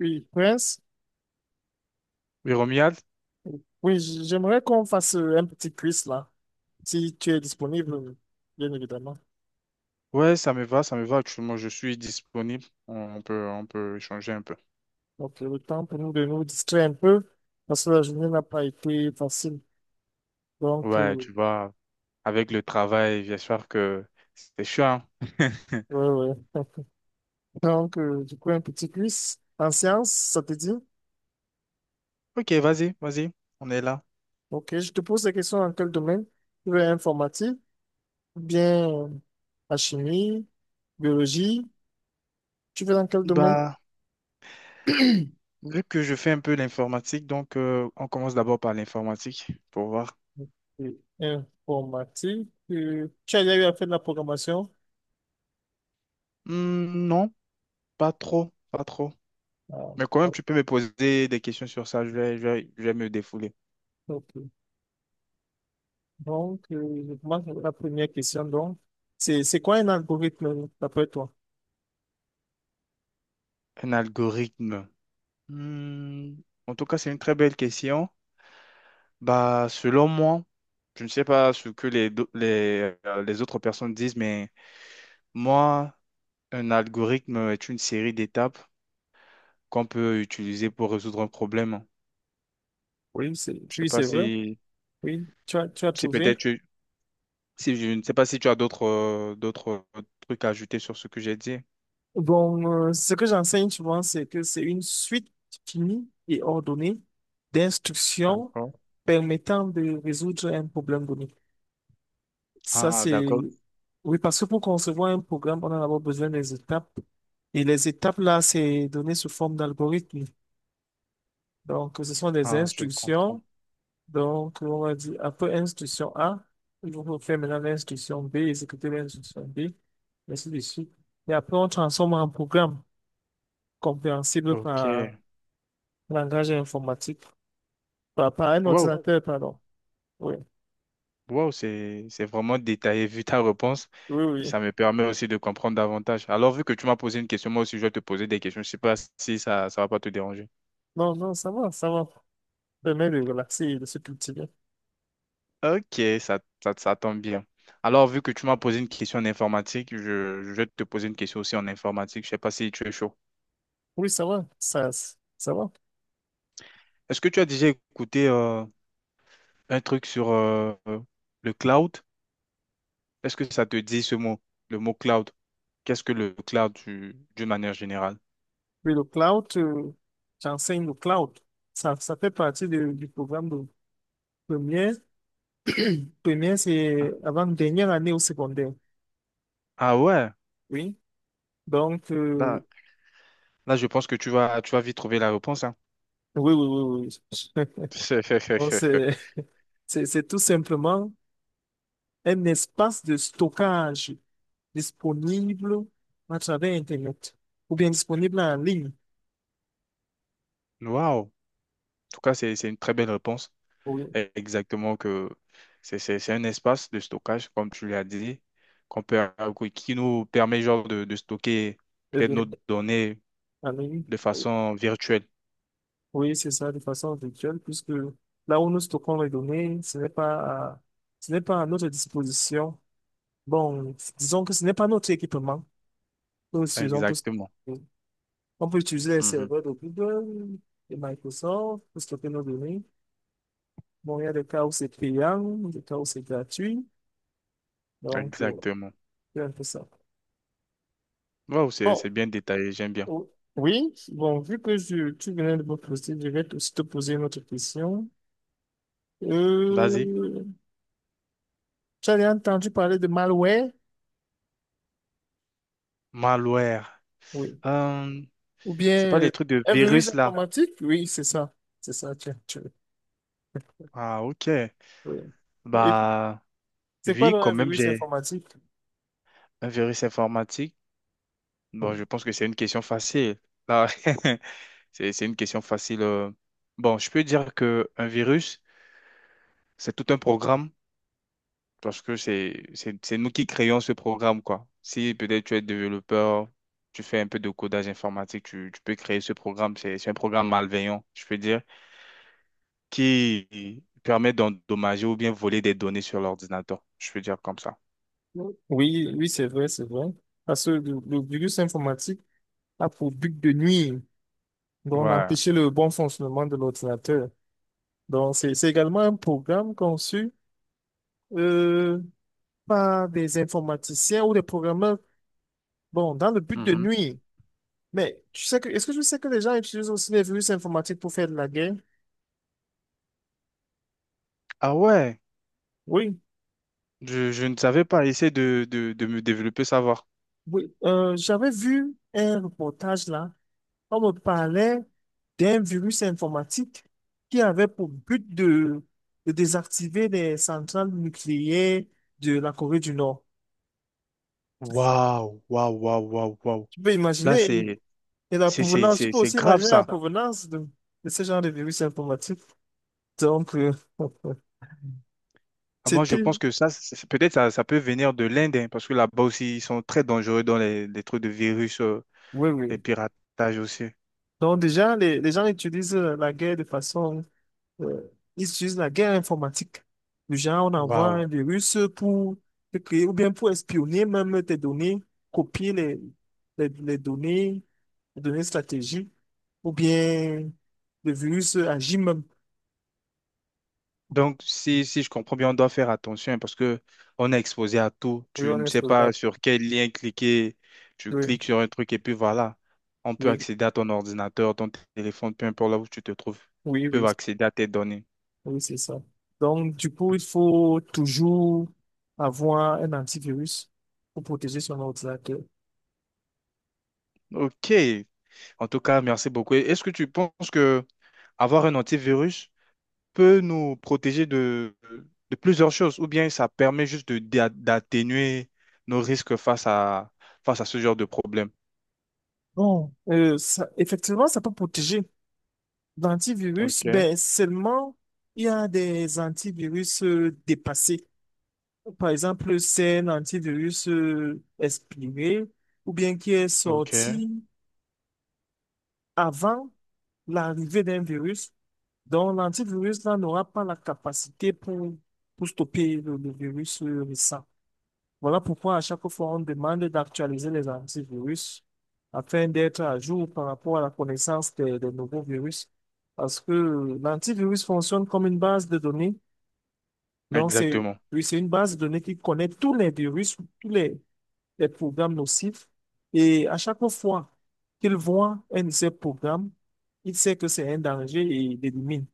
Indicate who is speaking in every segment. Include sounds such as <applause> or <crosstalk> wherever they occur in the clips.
Speaker 1: Oui, Prince.
Speaker 2: Oui, Romuald?
Speaker 1: Oui, j'aimerais qu'on fasse un petit quiz là, si tu es disponible, bien évidemment.
Speaker 2: Ouais, ça me va, ça me va. Actuellement, je suis disponible. On peut, on peut échanger un peu.
Speaker 1: Le temps pour nous de nous distraire un peu, parce que la journée n'a pas été facile. Donc,
Speaker 2: Ouais,
Speaker 1: euh,
Speaker 2: tu vois, avec le travail, bien sûr que c'est chiant. <laughs>
Speaker 1: ouais, ouais. <laughs> Un petit quiz en sciences, ça te dit?
Speaker 2: Ok, vas-y, vas-y, on est là.
Speaker 1: Ok, je te pose des questions dans quel domaine? Tu veux informatique, ou bien la chimie, biologie, tu veux dans quel domaine?
Speaker 2: Bah, vu que je fais un peu l'informatique, donc on commence d'abord par l'informatique pour voir.
Speaker 1: Ok. Informatique, tu as déjà eu à faire de la programmation?
Speaker 2: Hmm, non, pas trop, pas trop.
Speaker 1: Ah,
Speaker 2: Mais quand même,
Speaker 1: ah,
Speaker 2: tu peux me poser des questions sur ça, je vais, je vais, je vais me défouler.
Speaker 1: ok. Je commence avec la première question. Donc, c'est quoi un algorithme d'après toi?
Speaker 2: Un algorithme. Hmm, en tout cas, c'est une très belle question. Bah, selon moi, je ne sais pas ce que les autres personnes disent, mais moi, un algorithme est une série d'étapes qu'on peut utiliser pour résoudre un problème. Je sais
Speaker 1: Oui,
Speaker 2: pas
Speaker 1: c'est vrai.
Speaker 2: si,
Speaker 1: Oui, tu as
Speaker 2: si
Speaker 1: trouvé.
Speaker 2: peut-être tu- si je ne sais pas si tu as d'autres trucs à ajouter sur ce que j'ai dit.
Speaker 1: Ce que j'enseigne souvent, c'est que c'est une suite finie et ordonnée d'instructions
Speaker 2: D'accord.
Speaker 1: permettant de résoudre un problème donné. Ça,
Speaker 2: Ah,
Speaker 1: c'est...
Speaker 2: d'accord.
Speaker 1: Oui, parce que pour concevoir un programme, on a d'abord besoin des étapes. Et les étapes, là, c'est donné sous forme d'algorithme. Donc, ce sont des
Speaker 2: Ah, je comprends.
Speaker 1: instructions. Donc, on va dire, après instruction A, il faut faire maintenant l'instruction B, exécuter l'instruction B, ainsi de suite. Et après, on transforme en programme compréhensible
Speaker 2: Ok.
Speaker 1: par langage informatique, par un
Speaker 2: Wow.
Speaker 1: ordinateur, pardon. Oui,
Speaker 2: Wow, c'est vraiment détaillé vu ta réponse.
Speaker 1: oui, oui.
Speaker 2: Ça me permet aussi de comprendre davantage. Alors, vu que tu m'as posé une question, moi aussi, je vais te poser des questions. Je ne sais pas si ça va pas te déranger.
Speaker 1: Non, non, ça va, ça va. Permet de relaxer et de se cultiver.
Speaker 2: Ok, ça tombe bien. Alors, vu que tu m'as posé une question en informatique, je vais te poser une question aussi en informatique. Je ne sais pas si tu es chaud.
Speaker 1: Oui, ça va.
Speaker 2: Est-ce que tu as déjà écouté un truc sur le cloud? Est-ce que ça te dit ce mot, le mot cloud? Qu'est-ce que le cloud d'une manière générale?
Speaker 1: Oui, le cloud, j'enseigne le cloud. Ça fait partie du programme de première. Première,
Speaker 2: Ah
Speaker 1: c'est avant dernière année au secondaire.
Speaker 2: ah ouais.
Speaker 1: Oui. Donc,
Speaker 2: Bah, là, je pense que tu vas vite trouver la réponse, hein.
Speaker 1: oui, oui, oui, oui. <laughs> Donc,
Speaker 2: <laughs>
Speaker 1: c'est tout simplement un espace de stockage disponible à travers Internet ou bien disponible en ligne.
Speaker 2: Waouh! En tout cas, c'est une très belle réponse.
Speaker 1: Oui.
Speaker 2: Eh, exactement que c'est un espace de stockage, comme tu l'as dit, qu'on peut, qui nous permet genre de stocker
Speaker 1: Eh
Speaker 2: peut-être nos
Speaker 1: bien,
Speaker 2: données
Speaker 1: en ligne.
Speaker 2: de façon virtuelle.
Speaker 1: Oui, c'est ça, de façon virtuelle, puisque là où nous stockons les données, ce n'est pas à notre disposition. Bon, disons que ce n'est pas notre équipement. Nous utilisons plus-
Speaker 2: Exactement.
Speaker 1: on peut utiliser les
Speaker 2: Mhm.
Speaker 1: serveurs de Google, de Microsoft pour stocker nos données. Bon, il y a des cas où c'est payant, des cas où c'est gratuit. Donc, euh,
Speaker 2: Exactement.
Speaker 1: c'est un peu ça.
Speaker 2: Waouh, c'est
Speaker 1: Bon,
Speaker 2: c'est bien détaillé, j'aime bien.
Speaker 1: o- oui, bon, tu venais de me poser, je vais aussi te poser une autre question.
Speaker 2: Vas-y.
Speaker 1: Euh, tu as déjà entendu parler de malware?
Speaker 2: Malware.
Speaker 1: Oui.
Speaker 2: Euh,
Speaker 1: Ou
Speaker 2: c'est
Speaker 1: bien
Speaker 2: pas les trucs de
Speaker 1: un virus
Speaker 2: virus là.
Speaker 1: informatique? Oui, c'est ça. C'est ça,
Speaker 2: Ah, ok.
Speaker 1: oui. Et
Speaker 2: Bah,
Speaker 1: c'est quoi
Speaker 2: oui,
Speaker 1: donc, un
Speaker 2: quand même,
Speaker 1: virus
Speaker 2: j'ai.
Speaker 1: informatique?
Speaker 2: Un virus informatique? Bon, je pense que c'est une question facile. Là, <laughs> c'est une question facile. Bon, je peux dire que un virus, c'est tout un programme parce que c'est nous qui créons ce programme, quoi. Si peut-être tu es développeur, tu fais un peu de codage informatique, tu peux créer ce programme. C'est un programme malveillant, je peux dire, qui permet d'endommager ou bien voler des données sur l'ordinateur. Je peux dire comme ça.
Speaker 1: Oui, oui, oui, c'est vrai, c'est vrai. Parce que le virus informatique a pour but de nuire, donc
Speaker 2: Ouais.
Speaker 1: d'empêcher le bon fonctionnement de l'ordinateur. Donc, c'est également un programme conçu euh, par des informaticiens ou des programmeurs, bon, dans le but de
Speaker 2: Mhm.
Speaker 1: nuire. Mais tu sais que, est-ce que je sais que les gens utilisent aussi les virus informatiques pour faire de la guerre?
Speaker 2: Ah ouais,
Speaker 1: Oui,
Speaker 2: je ne savais pas. Essayer de me développer, savoir.
Speaker 1: oui. J'avais vu un reportage là, on me parlait d'un virus informatique qui avait pour but de désactiver les centrales nucléaires de la Corée du Nord.
Speaker 2: Waouh, waouh, waouh, waouh, waouh.
Speaker 1: Tu peux
Speaker 2: Là,
Speaker 1: imaginer. Et la
Speaker 2: c'est,
Speaker 1: provenance, tu
Speaker 2: c'est
Speaker 1: peux
Speaker 2: c'est
Speaker 1: aussi
Speaker 2: grave
Speaker 1: imaginer la
Speaker 2: ça.
Speaker 1: provenance de ce genre de virus informatique. Donc, euh, <laughs>
Speaker 2: Ah, moi, je
Speaker 1: c'était,
Speaker 2: pense que ça, peut-être ça, ça peut venir de l'Inde, hein, parce que là-bas aussi, ils sont très dangereux dans les trucs de virus,
Speaker 1: oui,
Speaker 2: les
Speaker 1: oui.
Speaker 2: piratages aussi.
Speaker 1: Donc, déjà, les gens utilisent la guerre de façon, euh, ils utilisent la guerre informatique. Le genre, on envoie
Speaker 2: Waouh.
Speaker 1: un virus pour te créer ou bien pour espionner même tes données, copier les, les données, les données stratégiques, ou bien le virus agit même.
Speaker 2: Donc, si, si je comprends bien, on doit faire attention, hein, parce que on est exposé à tout.
Speaker 1: Oui,
Speaker 2: Tu
Speaker 1: on
Speaker 2: ne
Speaker 1: est
Speaker 2: sais
Speaker 1: sur ça.
Speaker 2: pas sur quel lien cliquer. Tu
Speaker 1: Oui,
Speaker 2: cliques sur un truc et puis voilà. On peut
Speaker 1: oui,
Speaker 2: accéder à ton ordinateur, ton téléphone, peu importe là où tu te trouves.
Speaker 1: oui,
Speaker 2: Ils
Speaker 1: oui.
Speaker 2: peuvent accéder à tes données.
Speaker 1: Oui, c'est ça. Donc, du coup, il faut toujours avoir un antivirus pour protéger son ordinateur.
Speaker 2: Ok. En tout cas, merci beaucoup. Et est-ce que tu penses que avoir un antivirus peut nous protéger de plusieurs choses, ou bien ça permet juste de, d'atténuer nos risques face à, face à ce genre de problème?
Speaker 1: Ça, effectivement, ça peut protéger.
Speaker 2: Ok,
Speaker 1: L'antivirus, ben, seulement, il y a des antivirus dépassés. Par exemple, c'est un antivirus expiré ou bien qui est
Speaker 2: ok,
Speaker 1: sorti avant l'arrivée d'un virus. Donc, l'antivirus là n'aura pas la capacité pour stopper le virus récent. Voilà pourquoi à chaque fois, on demande d'actualiser les antivirus afin d'être à jour par rapport à la connaissance des nouveaux virus. Parce que l'antivirus fonctionne comme une base de données. Donc, c'est,
Speaker 2: exactement.
Speaker 1: oui, c'est une base de données qui connaît tous les virus, les programmes nocifs. Et à chaque fois qu'il voit un de ces programmes, il sait que c'est un danger et il l'élimine.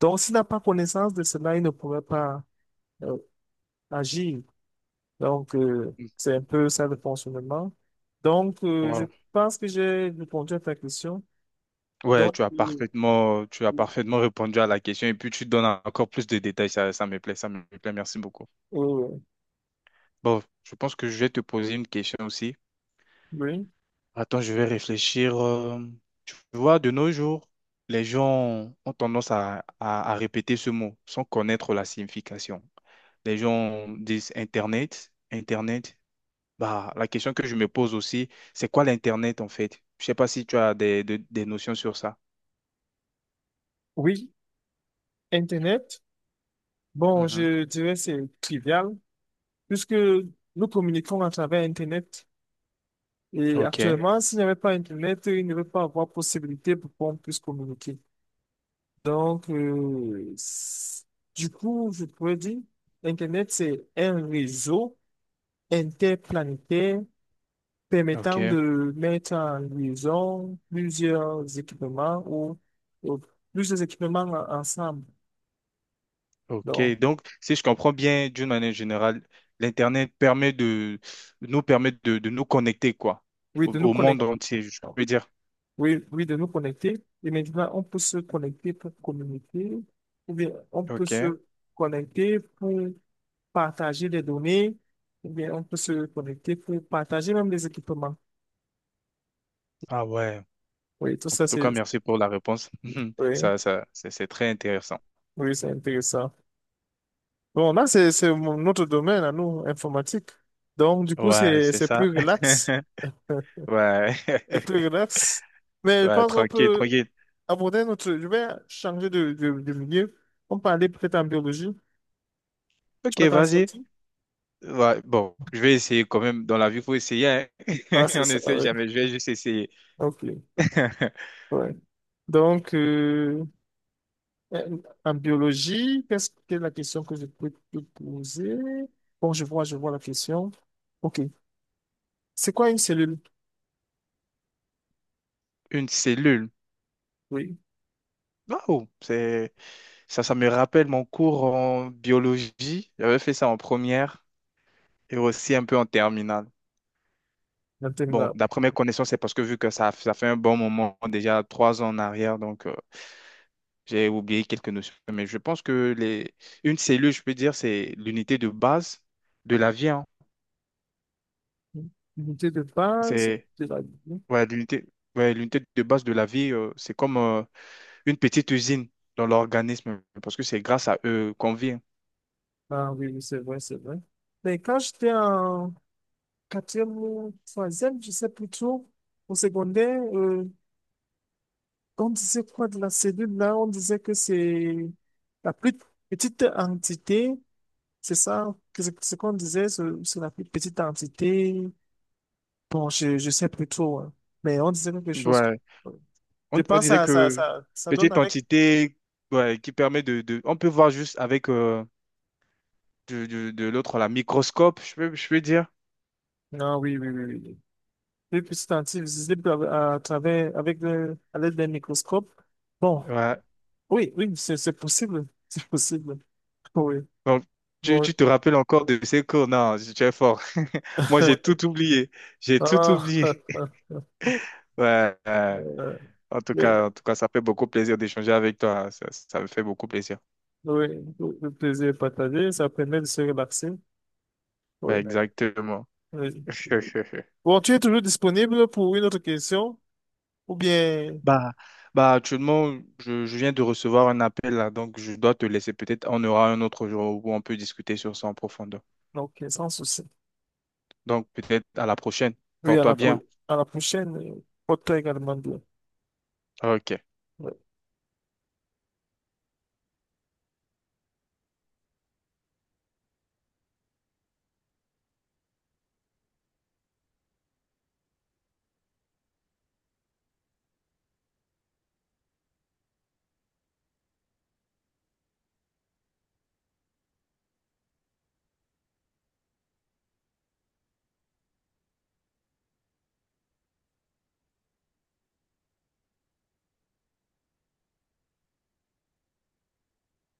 Speaker 1: Donc, s'il n'a pas connaissance de cela, il ne pourrait pas euh, agir. C'est un peu ça le fonctionnement. Je
Speaker 2: Wow.
Speaker 1: pense que j'ai répondu à ta question.
Speaker 2: Ouais,
Speaker 1: Donc, euh,
Speaker 2: tu as
Speaker 1: euh,
Speaker 2: parfaitement répondu à la question et puis tu donnes encore plus de détails. Ça me plaît, ça me plaît. Merci beaucoup.
Speaker 1: oui,
Speaker 2: Bon, je pense que je vais te poser une question aussi.
Speaker 1: oui.
Speaker 2: Attends, je vais réfléchir. Tu vois, de nos jours, les gens ont tendance à, à répéter ce mot sans connaître la signification. Les gens disent Internet, Internet. Bah, la question que je me pose aussi, c'est quoi l'Internet en fait? Je sais pas si tu as des, des notions sur ça.
Speaker 1: Oui, Internet. Bon,
Speaker 2: Mhm.
Speaker 1: je dirais c'est trivial, puisque nous communiquons à travers Internet. Et
Speaker 2: Ok,
Speaker 1: actuellement, s'il n'y avait pas Internet, il ne va pas avoir possibilité pour qu'on puisse communiquer. Donc, euh, c- du coup, je pourrais dire, Internet, c'est un réseau interplanétaire
Speaker 2: ok,
Speaker 1: permettant de mettre en liaison plusieurs équipements ou plusieurs équipements ensemble.
Speaker 2: ok.
Speaker 1: Donc,
Speaker 2: Donc, si je comprends bien, d'une manière générale, l'Internet permet de nous connecter quoi,
Speaker 1: oui,
Speaker 2: au,
Speaker 1: de nous
Speaker 2: au monde
Speaker 1: connecter.
Speaker 2: entier, je peux dire.
Speaker 1: Oui, oui, de nous connecter. Et maintenant, on peut se connecter pour communiquer, ou bien on peut
Speaker 2: Ok.
Speaker 1: se connecter pour partager des données, ou bien on peut se connecter pour partager même des équipements.
Speaker 2: Ah ouais.
Speaker 1: Oui, tout
Speaker 2: En
Speaker 1: ça,
Speaker 2: tout
Speaker 1: c'est,
Speaker 2: cas, merci pour la réponse. <laughs>
Speaker 1: oui,
Speaker 2: Ça, c'est très intéressant.
Speaker 1: oui, c'est intéressant. Bon, là, c'est, notre domaine à nous, informatique. Donc, du coup,
Speaker 2: Ouais, c'est
Speaker 1: c'est
Speaker 2: ça.
Speaker 1: plus relax.
Speaker 2: <laughs>
Speaker 1: <laughs>
Speaker 2: Ouais.
Speaker 1: C'est plus
Speaker 2: <laughs>
Speaker 1: relax. Mais je
Speaker 2: Ouais,
Speaker 1: pense qu'on
Speaker 2: tranquille,
Speaker 1: peut
Speaker 2: tranquille.
Speaker 1: aborder notre. Je vais changer de milieu. On peut aller peut-être en biologie. Tu
Speaker 2: Ok,
Speaker 1: peux t'en
Speaker 2: vas-y.
Speaker 1: sortir?
Speaker 2: Ouais, bon, je vais essayer quand même. Dans la vie, il faut essayer, hein. <laughs>
Speaker 1: Ah, c'est
Speaker 2: On
Speaker 1: ça,
Speaker 2: n'essaie
Speaker 1: oui.
Speaker 2: jamais. Je vais juste essayer.
Speaker 1: OK.
Speaker 2: <laughs>
Speaker 1: Ouais. Donc, euh, en biologie, qu'est-ce que la question que je peux te poser? Bon, je vois la question. OK. C'est quoi une cellule?
Speaker 2: Une cellule.
Speaker 1: Oui,
Speaker 2: Waouh, c'est ça, ça me rappelle mon cours en biologie. J'avais fait ça en première et aussi un peu en terminale.
Speaker 1: la
Speaker 2: Bon,
Speaker 1: terminale.
Speaker 2: d'après mes connaissances, c'est parce que vu que ça fait un bon moment, déjà 3 ans en arrière, donc. J'ai oublié quelques notions, mais je pense que les... une cellule, je peux dire, c'est l'unité de base de la vie, hein.
Speaker 1: L'unité de base
Speaker 2: C'est
Speaker 1: de la vie.
Speaker 2: ouais, l'unité ouais, l'unité de base de la vie, c'est comme une petite usine dans l'organisme, parce que c'est grâce à eux qu'on vit, hein.
Speaker 1: Ah oui, oui c'est vrai, c'est vrai. Mais quand j'étais en quatrième ou troisième, je sais plutôt au secondaire, on disait quoi de la cellule là? On disait que c'est la plus petite entité, c'est ça, que c'est ce qu'on disait, c'est la plus petite entité. Bon, je sais plus trop, hein. Mais on disait quelque chose.
Speaker 2: Ouais.
Speaker 1: Je
Speaker 2: On
Speaker 1: pense que
Speaker 2: disait que
Speaker 1: ça donne
Speaker 2: petite
Speaker 1: avec.
Speaker 2: entité ouais, qui permet de, on peut voir juste avec de, de l'autre, la microscope, je peux dire.
Speaker 1: Ah oui, oui, oui, oui. Plus petite entité visible à travers, avec le, à l'aide d'un microscope. Bon.
Speaker 2: Ouais.
Speaker 1: Oui, oui, c'est possible. <laughs> C'est possible. Oui,
Speaker 2: Bon, tu,
Speaker 1: oui.
Speaker 2: tu te rappelles encore de ces cours? Non, tu es fort. <laughs> Moi, j'ai
Speaker 1: Oui.
Speaker 2: tout oublié. J'ai tout
Speaker 1: Ah,
Speaker 2: oublié. <laughs>
Speaker 1: <laughs>
Speaker 2: Ouais,
Speaker 1: oui,
Speaker 2: en tout cas, ça fait beaucoup plaisir d'échanger avec toi. Ça me fait beaucoup plaisir.
Speaker 1: oui, le plaisir est partagé, ça permet de se relaxer.
Speaker 2: Ouais,
Speaker 1: Oui,
Speaker 2: exactement.
Speaker 1: oui.
Speaker 2: <laughs>
Speaker 1: Bon, tu es toujours disponible pour une autre question ou bien...
Speaker 2: Bah, bah, actuellement, je viens de recevoir un appel là, donc je dois te laisser. Peut-être on aura un autre jour où on peut discuter sur ça en profondeur.
Speaker 1: Ok, sans souci.
Speaker 2: Donc, peut-être à la prochaine.
Speaker 1: Oui,
Speaker 2: Porte-toi bien.
Speaker 1: à la prochaine. Porte-toi également bien.
Speaker 2: Ok.
Speaker 1: Oui.